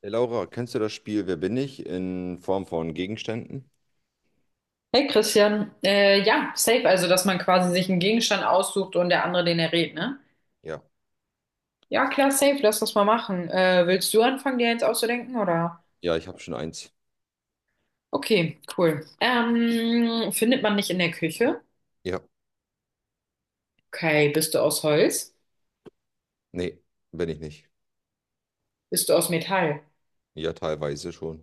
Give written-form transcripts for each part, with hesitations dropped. Hey Laura, kennst du das Spiel Wer bin ich in Form von Gegenständen? Hey Christian, ja, safe, also dass man quasi sich einen Gegenstand aussucht und der andere den errät, ne? Ja. Ja, klar, safe, lass das mal machen. Willst du anfangen, dir eins auszudenken, oder? Ja, ich habe schon eins. Okay, cool. Findet man nicht in der Küche? Ja. Okay, bist du aus Holz? Nee, bin ich nicht. Bist du aus Metall? Ja, teilweise schon.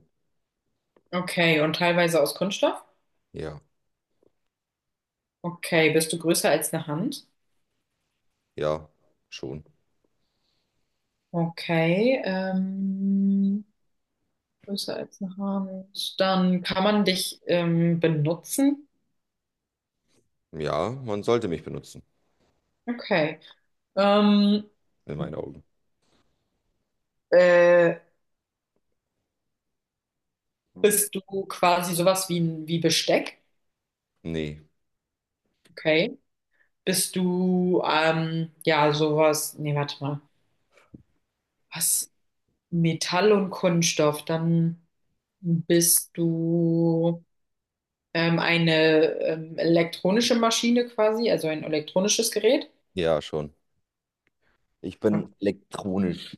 Okay, und teilweise aus Kunststoff? Ja. Okay, bist du größer als eine Hand? Ja, schon. Okay, größer als eine Hand. Dann kann man dich benutzen? Ja, man sollte mich benutzen, Okay. Ähm, in meinen Augen. äh, Hm. Bist du quasi sowas wie, wie Besteck? Nee. Okay. Bist du, ja, sowas, nee, warte mal. Was? Metall und Kunststoff. Dann bist du eine elektronische Maschine quasi, also ein elektronisches Gerät. Ja, schon. Ich bin elektronisch.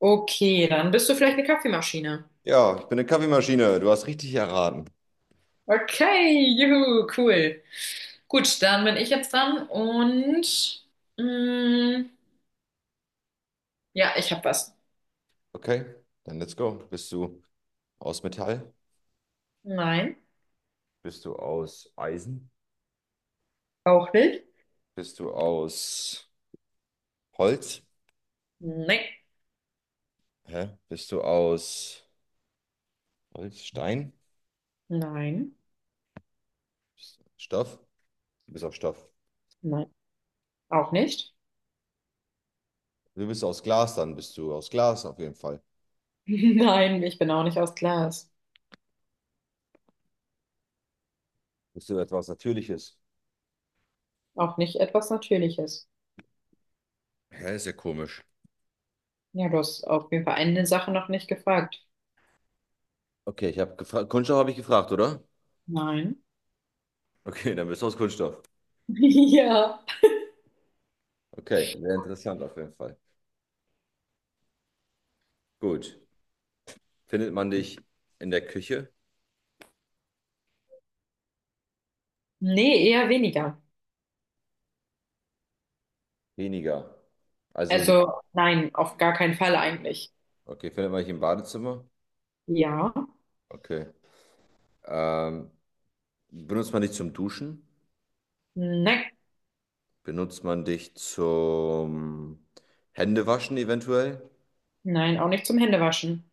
Okay, dann bist du vielleicht eine Kaffeemaschine. Ja, ich bin eine Kaffeemaschine. Du hast richtig erraten. Okay, juhu, cool. Gut, dann bin ich jetzt dran und mh, ja, ich habe was. Okay, dann let's go. Bist du aus Metall? Nein, Bist du aus Eisen? auch nicht. Bist du aus Holz? Nein, Hä? Bist du aus Holz, Stein, nein, Stoff. Du bist auf Stoff. nein, auch nicht. Du bist aus Glas, dann bist du aus Glas auf jeden Fall. Nein, ich bin auch nicht aus Glas. Bist du etwas Natürliches? Auch nicht etwas Natürliches. Hä, ist ja komisch. Ja, du hast auf jeden Fall eine Sache noch nicht gefragt. Okay, ich habe gefragt. Kunststoff habe ich gefragt, oder? Nein. Okay, dann bist du aus Kunststoff. Ja. Okay, sehr interessant auf jeden Fall. Gut. Findet man dich in der Küche? Nee, eher weniger. Weniger. Also, sie- Also nein, auf gar keinen Fall eigentlich. okay, findet man dich im Badezimmer? Ja. Okay. Ähm, benutzt man dich zum Duschen? Nein, Benutzt man dich zum Händewaschen eventuell? nein, auch nicht zum Händewaschen.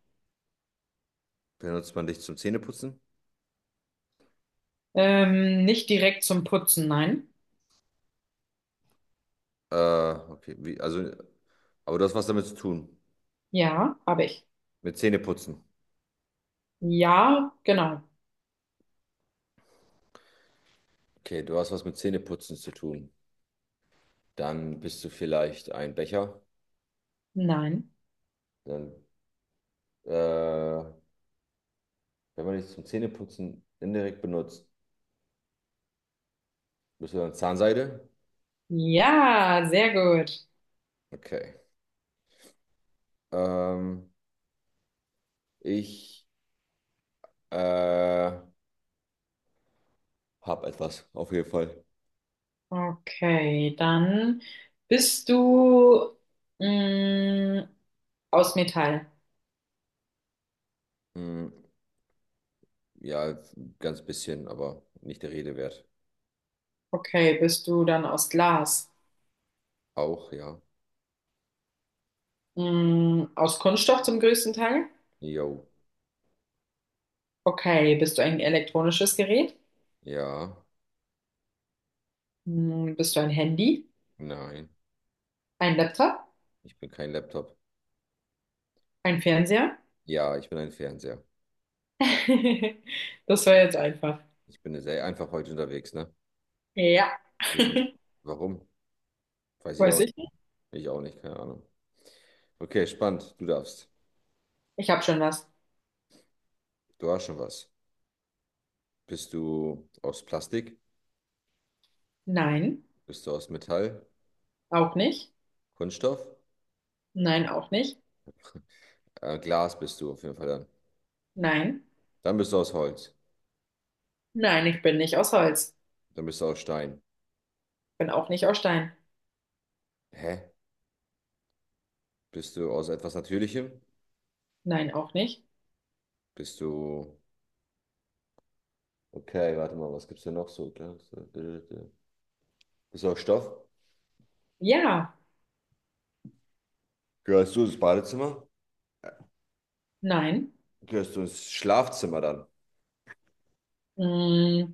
Benutzt man dich zum Zähneputzen? Nicht direkt zum Putzen, nein. Okay, wie, also, aber du hast was damit zu tun. Ja, habe ich. Mit Zähneputzen. Ja, genau. Okay, du hast was mit Zähneputzen zu tun. Dann bist du vielleicht ein Becher. Nein. Dann, wenn man dich zum Zähneputzen indirekt benutzt, bist du dann Zahnseide? Ja, sehr gut. Okay. Ähm, ich äh, habe etwas, auf jeden Fall. Okay, dann bist du mh, aus Metall. Hm, ja, ganz bisschen, aber nicht der Rede wert. Okay, bist du dann aus Glas? Auch, ja. Mh, aus Kunststoff zum größten Teil? Jo. Okay, bist du ein elektronisches Gerät? Ja. Mh, bist du ein Handy? Nein, Ein Laptop? ich bin kein Laptop. Ein Fernseher? Ja, ich bin ein Fernseher. Das war jetzt einfach. Ich bin sehr einfach heute unterwegs, ne? Ja, Warum? Warum? Weiß ich auch weiß nicht. ich nicht. Ich auch nicht, keine Ahnung. Okay, spannend. Du darfst. Ich habe schon was. Du hast schon was. Bist du aus Plastik? Nein, Bist du aus Metall? auch nicht. Kunststoff? Nein, auch nicht. Glas bist du auf jeden Fall dann. Nein, Dann bist du aus Holz. nein, ich bin nicht aus Holz. Dann bist du aus Stein. Bin auch nicht aus Stein. Hä? Bist du aus etwas Natürlichem? Nein, auch nicht. Bist du. Okay, warte mal, was gibt's denn noch so? Glas, bist du aus Stoff? Ja, Gehörst du ins Badezimmer? nein. Gehörst du ins Schlafzimmer dann? Mm,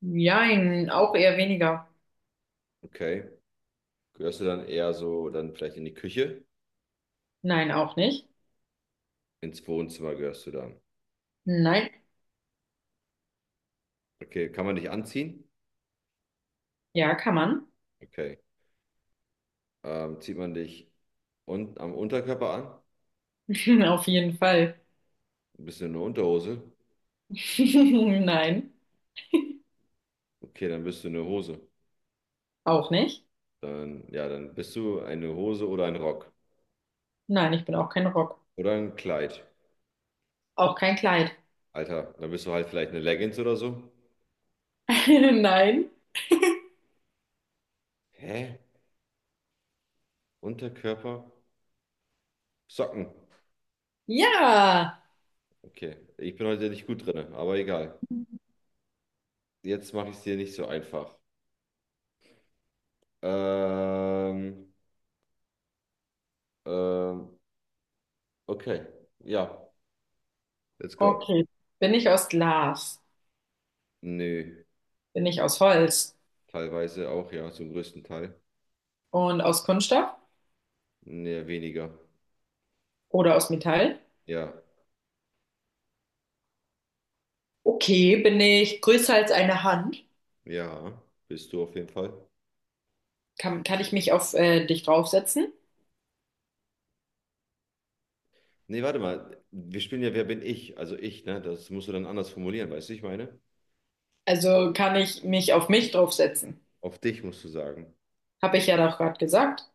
jein, auch eher weniger. Okay. Gehörst du dann eher so dann vielleicht in die Küche? Nein, auch nicht. Ins Wohnzimmer gehörst du dann. Nein, Okay, kann man dich anziehen? ja, kann man. Okay. Zieht man dich un am Unterkörper an? Auf jeden Fall. Bist du eine Unterhose? Nein, Okay, dann bist du eine Hose. auch nicht. Dann, ja, dann bist du eine Hose oder ein Rock. Nein, ich bin auch kein Rock. Oder ein Kleid. Auch kein Kleid. Alter, dann bist du halt vielleicht eine Leggings oder so. Nein. Hä? Unterkörper? Socken. Ja. Okay, ich bin heute nicht gut drin, aber egal. Jetzt mache ich es dir nicht so einfach. Ähm, ähm, Okay, ja. Let's go. Okay. Bin ich aus Glas? Nö, Bin ich aus Holz? teilweise auch, ja, zum größten Teil. Und aus Kunststoff? Nee, weniger. Oder aus Metall? Ja, Okay, bin ich größer als eine Hand? ja, bist du auf jeden Fall. Kann ich mich auf dich draufsetzen? Nee, warte mal, wir spielen ja Wer bin ich? Also ich, ne? Das musst du dann anders formulieren, weißt du, ich meine? Also kann ich mich auf mich draufsetzen? Auf dich musst du sagen. Habe ich ja doch gerade gesagt.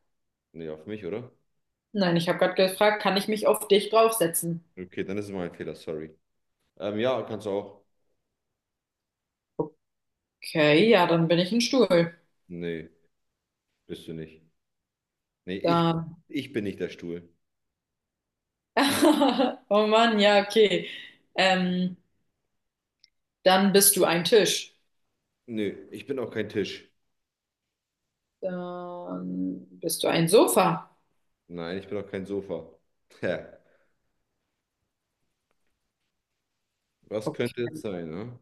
Nee, auf mich, oder? Nein, ich habe gerade gefragt, kann ich mich auf dich draufsetzen? Okay, dann ist es mein Fehler, sorry. Ja, kannst du auch. Okay, ja, dann bin ich ein Stuhl. Nee, bist du nicht. Nee, ich, Dann. ich bin nicht der Stuhl. Oh Mann, ja, okay. Ähm, dann bist du ein Tisch. Nö, ich bin auch kein Tisch. Dann bist du ein Sofa. Nein, ich bin auch kein Sofa. Tja, was Okay. könnte es sein, ne?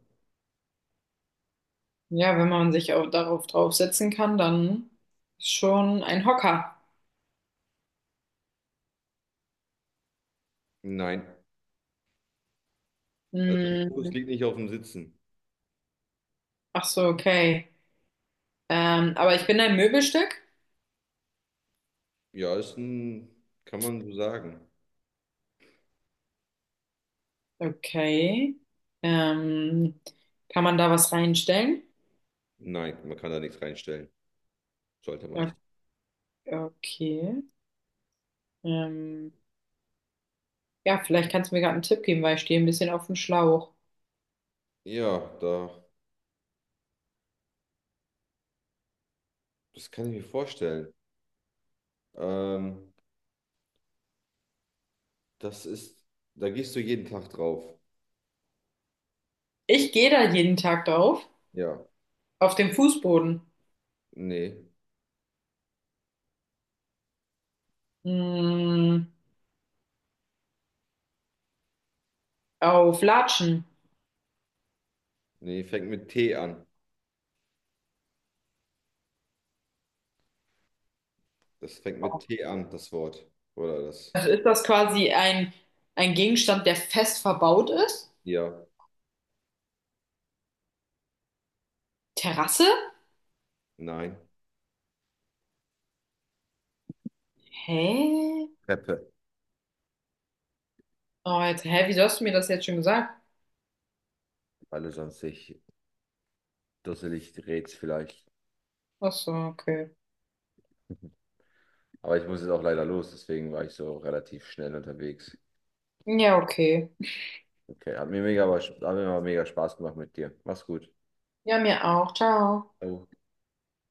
Ja, wenn man sich auch darauf draufsetzen kann, dann ist schon ein Hocker. Nein. Also der Fokus Hm, liegt nicht auf dem Sitzen. ach so, okay. Aber ich bin ein Möbelstück. Ja, ist ein, kann man so sagen. Okay. Ähm, Kann man da was reinstellen? Nein, man kann da nichts reinstellen. Sollte man nicht. Okay. Ähm, ja, vielleicht kannst du mir gerade einen Tipp geben, weil ich stehe ein bisschen auf dem Schlauch. Ja, da, das kann ich mir vorstellen. Ähm, das ist, da gehst du jeden Tag drauf. Ich gehe da jeden Tag drauf. Ja, Auf dem Fußboden. nee, Hm, auf Latschen. nee, fängt mit T an. Das fängt mit T an, das Wort. Oder das. Also ist das quasi ein Gegenstand, der fest verbaut ist? Ja, Terrasse? nein. Hä? Treppe. Oh, jetzt, hä, wieso hast du mir das jetzt schon gesagt? Alle sonst sich dusselig dreht's vielleicht. Ach so, okay. Aber ich muss jetzt auch leider los, deswegen war ich so relativ schnell unterwegs. Ja, okay. Okay, hat mir mega Spaß gemacht mit dir. Mach's gut. Ja, mir auch. Ciao. Ciao.